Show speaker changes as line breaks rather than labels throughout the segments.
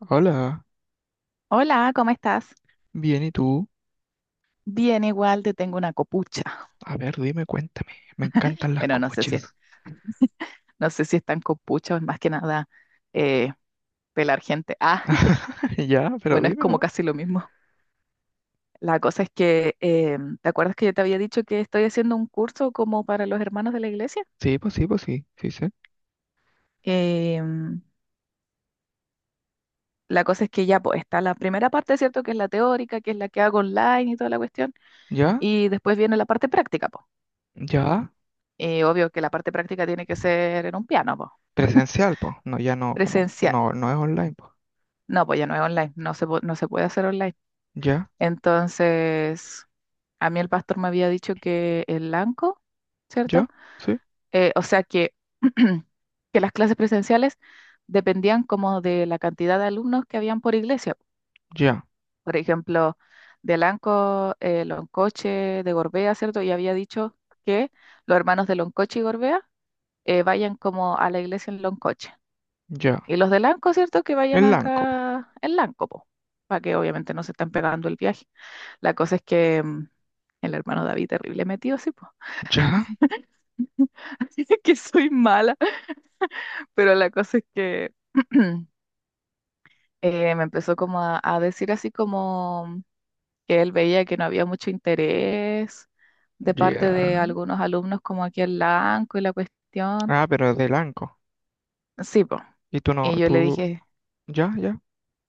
Hola,
Hola, ¿cómo estás?
bien, ¿y tú?
Bien, igual te tengo una copucha.
A ver, dime, cuéntame. Me encantan las
Bueno, no sé
copuchas.
no sé si es tan copucha o es más que nada eh, pelar gente. Ah,
Ya, pero
bueno, es
dime
como
no.
casi lo mismo. La cosa es que, ¿te acuerdas que yo te había dicho que estoy haciendo un curso como para los hermanos de la iglesia?
Sí, pues sí, pues sí, sí sé.
Em, la cosa es que ya pues, está la primera parte, ¿cierto? Que es la teórica, que es la que hago online y toda la cuestión.
Ya,
Y después viene la parte práctica, pues.
ya.
Y obvio que la parte práctica tiene que ser en un piano, pues.
Presencial, pues. No, ya no, como,
Presencial.
no, no es online, pues.
No, pues ya no es online, no no se puede hacer online.
Ya,
Entonces, a mí el pastor me había dicho que el blanco, ¿cierto?
ya, sí,
Eh, o sea que, que las clases presenciales dependían como de la cantidad de alumnos que habían por iglesia.
ya,
Por ejemplo, de Lanco, Loncoche, de Gorbea, ¿cierto? Y había dicho que los hermanos de Loncoche y Gorbea vayan como a la iglesia en Loncoche.
ya.
Y los de Lanco, ¿cierto? Que vayan
El Lanco, po.
acá en Lanco, po, para que obviamente no se estén pegando el viaje. La cosa es que el hermano David, terrible metido, sí, po.
Ya,
Así que soy mala, pero la cosa es que me empezó como a decir así como que él veía que no había mucho interés de parte
ya.
de algunos alumnos como aquí en Lanco y la cuestión.
Ah, pero es de Lanco.
Sí, po.
Y tú no,
Y yo le
tú,
dije,
ya, ya,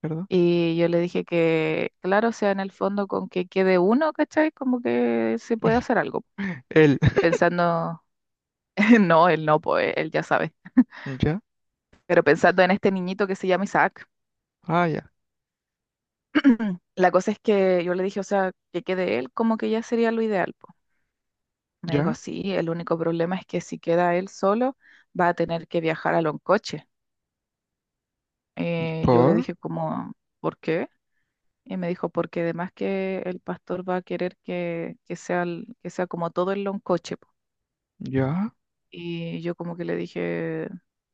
¿verdad?
Y yo le dije que, claro, o sea, en el fondo con que quede uno, ¿cachai? Como que se puede hacer algo.
El,
Pensando, no, él no, pues él ya sabe.
ya,
Pero pensando en este niñito que se llama Isaac,
ah, ya,
la cosa es que yo le dije, o sea, que quede él, como que ya sería lo ideal, po. Me dijo,
ya.
sí, el único problema es que si queda él solo, va a tener que viajar a Loncoche.
¿Y
Eh, yo le
por?
dije, como, ¿por qué? Y me dijo, porque además que el pastor va a querer que sea, que sea como todo el Loncoche.
Ya.
Y yo como que le dije,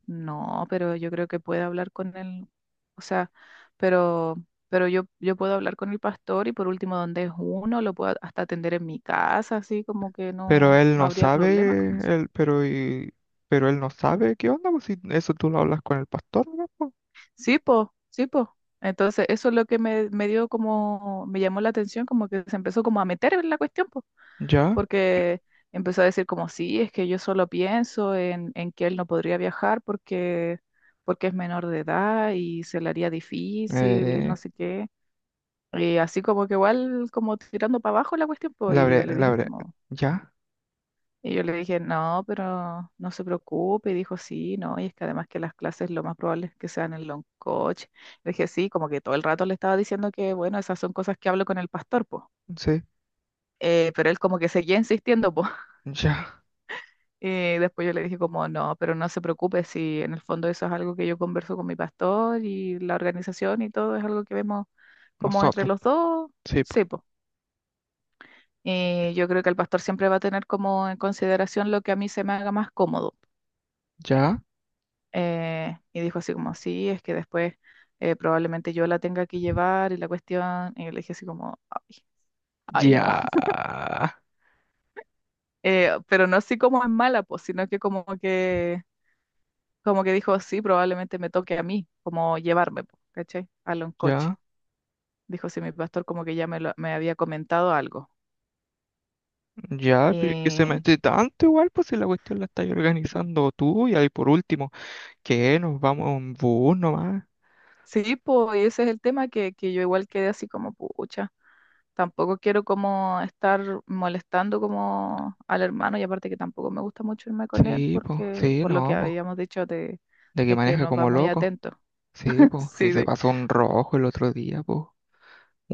no, pero yo creo que puede hablar con él, o sea, pero, pero yo puedo hablar con el pastor y por último donde es uno, lo puedo hasta atender en mi casa, así como que
Pero
no,
él
no
no
habría
sabe,
problema con eso.
él, pero y, pero él no sabe qué onda, pues si eso tú lo hablas con el pastor, ¿no? Pues,
Sí, po, sí, po. Entonces eso es lo que me dio como, me llamó la atención, como que se empezó como a meter en la cuestión, po.
ya,
Porque empezó a decir como, sí, es que yo solo pienso en que él no podría viajar porque es menor de edad y se le haría difícil y no
eh,
sé qué. Y así como que igual, como tirando para abajo la cuestión, pues,
la bre- ya,
y yo le dije, no, pero no se preocupe, y dijo, sí, no, y es que además que las clases lo más probable es que sean en long coach. Le dije, sí, como que todo el rato le estaba diciendo que, bueno, esas son cosas que hablo con el pastor, pues.
sí,
Pero él como que seguía insistiendo, pues.
ya,
Y después yo le dije como, no, pero no se preocupe si en el fondo eso es algo que yo converso con mi pastor y la organización y todo es algo que vemos como entre
nosotros,
los dos,
sí, pues,
sí, pues. Y yo creo que el pastor siempre va a tener como en consideración lo que a mí se me haga más cómodo.
ya,
Y dijo así como, sí, es que después probablemente yo la tenga que llevar y la cuestión. Y yo le dije así como, ay, ay
ya,
no. Pero no así como es mala, pues, sino que como que dijo, sí, probablemente me toque a mí, como llevarme, po, ¿cachai? A lo en coche.
ya,
Dijo, sí, mi pastor como que ya me había comentado algo.
ya, pero es que se
Eh,
mete tanto igual, pues si la cuestión la estás organizando tú, y ahí por último, que nos vamos en bus nomás,
sí, pues ese es el tema que yo igual quedé así como, pucha, tampoco quiero como estar molestando como al hermano y aparte que tampoco me gusta mucho irme con él
sí, pues,
porque
sí,
por lo que
no, pues,
habíamos dicho
de que
de que
maneja
nos va
como
muy
loco,
atento.
sí, pues, si
Sí,
se
de,
pasó un rojo el otro día, pues.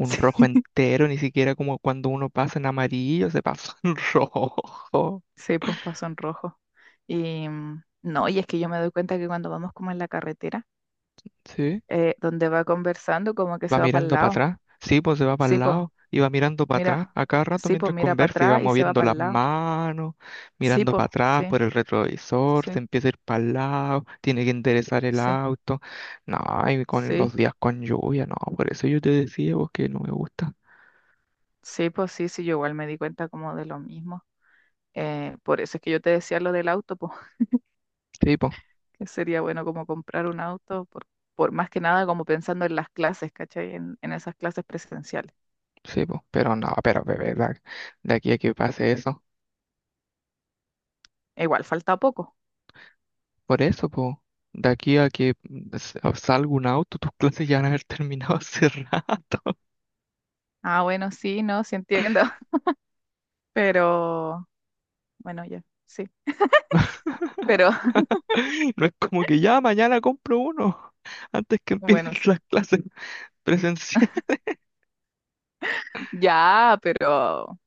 sí.
rojo entero, ni siquiera como cuando uno pasa en amarillo, se pasa en rojo.
Sí, pues pasó en rojo. Y no, y es que yo me doy cuenta que cuando vamos como en la carretera,
¿Sí?
donde va conversando, como que
Va
se va para el
mirando para
lado.
atrás. Sí, pues se va para
Sí,
el
pues,
lado y va mirando para
mira,
atrás a cada rato
sí, pues,
mientras
mira para
conversa y va
atrás y se va
moviendo
para
las
el lado.
manos,
Sí,
mirando
pues,
para atrás
sí,
por el retrovisor, se
sí,
empieza a ir para el lado, tiene que enderezar el
sí,
auto. No, y con
sí,
los días con lluvia, no, por eso yo te decía vos que no me gusta.
sí, pues, sí, sí, yo igual me di cuenta como de lo mismo. Por eso es que yo te decía lo del auto, pues,
Sí, pues,
que sería bueno como comprar un auto, por más que nada como pensando en las clases, ¿cachai? En esas clases presenciales.
sí, pues, pero no, pero de verdad, de aquí a que pase eso.
E igual falta poco.
Por eso, po. De aquí a que salga un auto, tus clases ya van a haber terminado hace rato.
Ah, bueno, sí, no, sí entiendo. Pero, bueno, ya, sí. Pero,
No es como que ya mañana compro uno antes que empiecen
bueno, sí.
las clases presenciales.
Ya,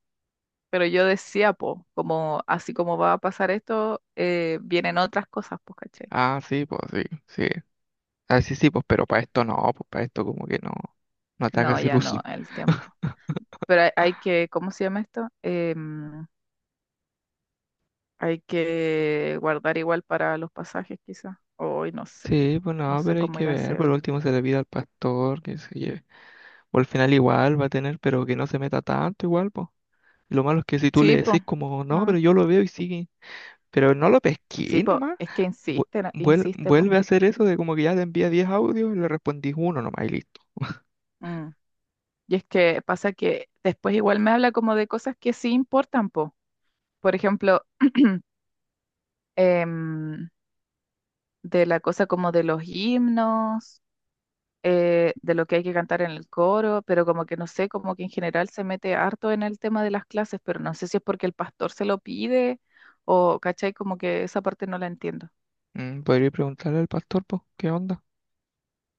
pero yo decía, po, como, así como va a pasar esto, vienen otras cosas, pues, ¿cachai?
Ah, sí, pues sí, sí. Ah, sí, sí, pues pero para esto no, pues para esto como que no, no
No,
atacas
ya no,
ilusión.
el tiempo. Pero hay que, ¿cómo se llama esto? Hay que guardar igual para los pasajes, quizás. Hoy no sé,
Sí, pues
no
no,
sé
pero hay
cómo
que
ir a
ver.
hacer.
Por último se le pide al pastor que se lleve. O al final igual va a tener, pero que no se meta tanto igual, pues. Lo malo es que si tú
Sí,
le
po.
decís como, no,
Ah,
pero yo lo veo y sigue. Pero no lo
sí,
pesqué
po,
nomás.
es que
Vu-
insiste, insiste, po.
Vuelve a hacer eso de como que ya te envía 10 audios y le respondís uno nomás y listo.
Mm. Y es que pasa que después igual me habla como de cosas que sí importan, po. Por ejemplo, em, de la cosa como de los himnos, de lo que hay que cantar en el coro, pero como que no sé, como que en general se mete harto en el tema de las clases, pero no sé si es porque el pastor se lo pide o, ¿cachai? Como que esa parte no la entiendo.
Mm, podría preguntarle al pastor, pues, ¿qué onda?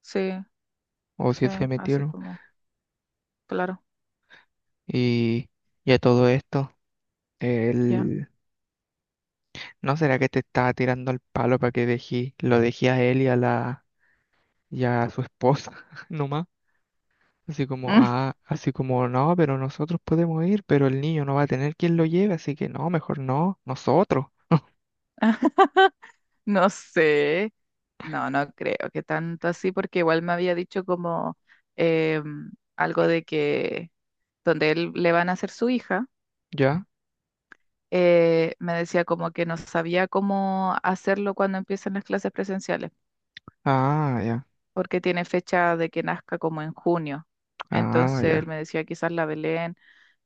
Sí,
O si
sí,
se
así
metieron.
como, claro,
Y, y a todo esto,
ya.
él, ¿no será que te estaba tirando el palo para que dejé, lo dejé a él y a la, y a su esposa nomás? Así como, ah, así como, no, pero nosotros podemos ir, pero el niño no va a tener quien lo lleve, así que no, mejor no, nosotros,
No sé, no, no creo que tanto así, porque igual me había dicho como em, algo de que donde él le van a hacer su hija,
¿ya?
me decía como que no sabía cómo hacerlo cuando empiezan las clases presenciales,
Ah, ya,
porque tiene fecha de que nazca como en junio.
ah,
Entonces él
ya.
me decía quizás la Belén,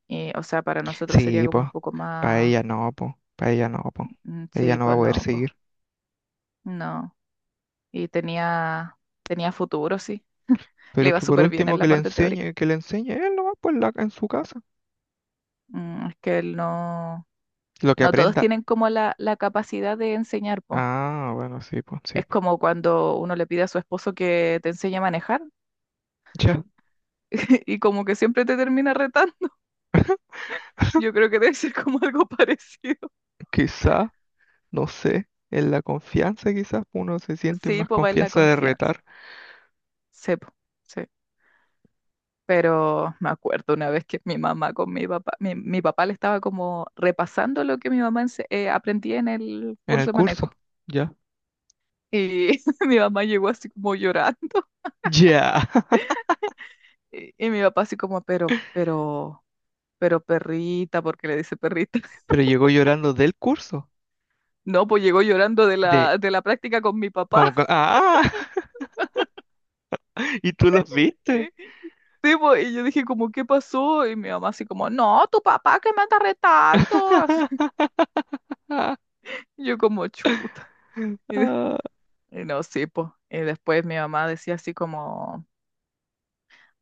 y, o sea, para nosotros sería
Sí,
como un
pues,
poco
para
más,
ella no, pues, para ella no, pues, ella
sí,
no va a
pues
poder
no, pues
seguir.
no. Y tenía, tenía futuro, sí, le
Pero
iba
que por
súper bien
último
en la parte teórica.
que le enseñe él nomás, pues, la- en su casa,
Mm, es que él no,
lo que
no todos
aprenda.
tienen como la capacidad de enseñar, po.
Ah, bueno, sí, pues, sí,
Es
pues.
como cuando uno le pide a su esposo que te enseñe a manejar
Ya,
y como que siempre te termina retando. Yo creo que debe ser como algo parecido.
quizá, no sé, en la confianza quizás uno se siente
Sí,
más
pues va en la
confianza de
confianza.
retar
Sí, po, sí. Pero me acuerdo una vez que mi mamá con mi papá, mi papá le estaba como repasando lo que mi mamá aprendía en el
en el
curso de manejo.
curso.
Po.
Ya.
Y mi mamá llegó así como llorando.
Ya,
Y mi papá así como, pero perrita, ¿porque le dice perrita?
pero llegó llorando del curso,
No, pues llegó llorando
de,
de la práctica con mi
como, que-
papá.
ah, y tú los viste.
Sí, pues, y yo dije como, ¿qué pasó? Y mi mamá así como, no, tu papá que me anda retando. Así, y yo como, chuta. Y, de- y no, sí, pues. Y después mi mamá decía así como,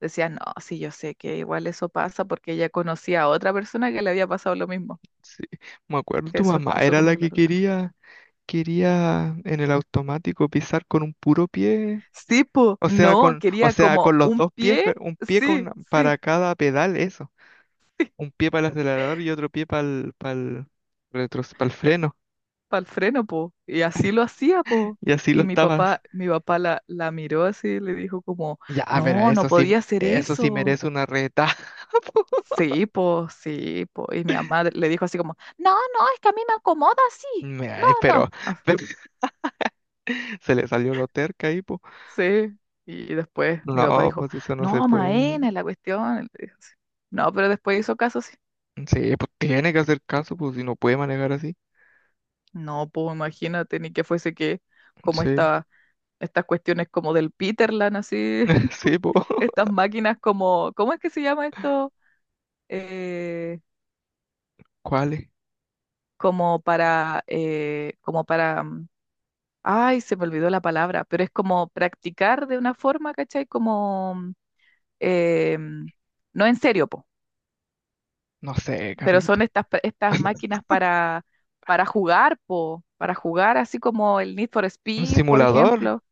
decía, no, sí, yo sé que igual eso pasa porque ella conocía a otra persona que le había pasado lo mismo,
Sí, me acuerdo, tu
que su
mamá
esposo
era
como
la
que la
que
retaba.
quería. Quería en el automático pisar con un puro pie,
Sí, pues, no,
o
quería
sea,
como
con los
un
dos pies,
pie,
pero un pie
sí,
con,
sí.
para cada pedal, eso. Un pie para el acelerador y otro pie para el retro, para el freno.
Para el freno, po. Y así lo hacía, po.
Y así lo
Y mi
estabas.
papá, mi papá la miró así y le dijo como,
Ya, pero
no, no podía hacer
eso sí
eso.
merece una reta.
Sí, po, sí, po. Y mi mamá le dijo así como, no, no, es que a mí me acomoda así. No,
Mira,
no. Ah,
pero se le salió lo terca ahí, pues.
sí. Y después mi papá
No,
dijo,
pues eso no se
no,
puede.
Maena, es la cuestión. Y le dijo así. No, pero después hizo caso, sí.
Sí, pues tiene que hacer caso, pues si no puede manejar así.
No, pues imagínate, ni que fuese que como
Sí,
esta, estas cuestiones como del Peterland, así,
sí, pues.
estas máquinas como, ¿cómo es que se llama esto? Eh,
¿Cuáles?
como para, como para, ay, se me olvidó la palabra, pero es como practicar de una forma, ¿cachai? Como, eh, mm, no en serio, po,
No sé,
pero son
Carlitos.
estas, estas máquinas para jugar, po, para jugar así como el Need for
¿Un
Speed, por
simulador?
ejemplo,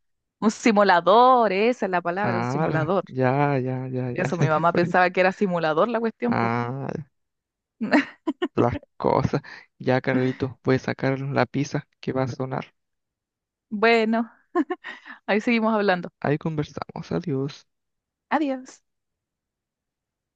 un simulador, esa es la palabra, un
Ah,
simulador.
ya, ya, ya, ya.
Eso, mi mamá pensaba que era simulador la cuestión, po.
Ah, las cosas. Ya, Carlitos, voy a sacar la pizza que va a sonar.
Bueno, ahí seguimos hablando.
Ahí conversamos. Adiós.
Adiós.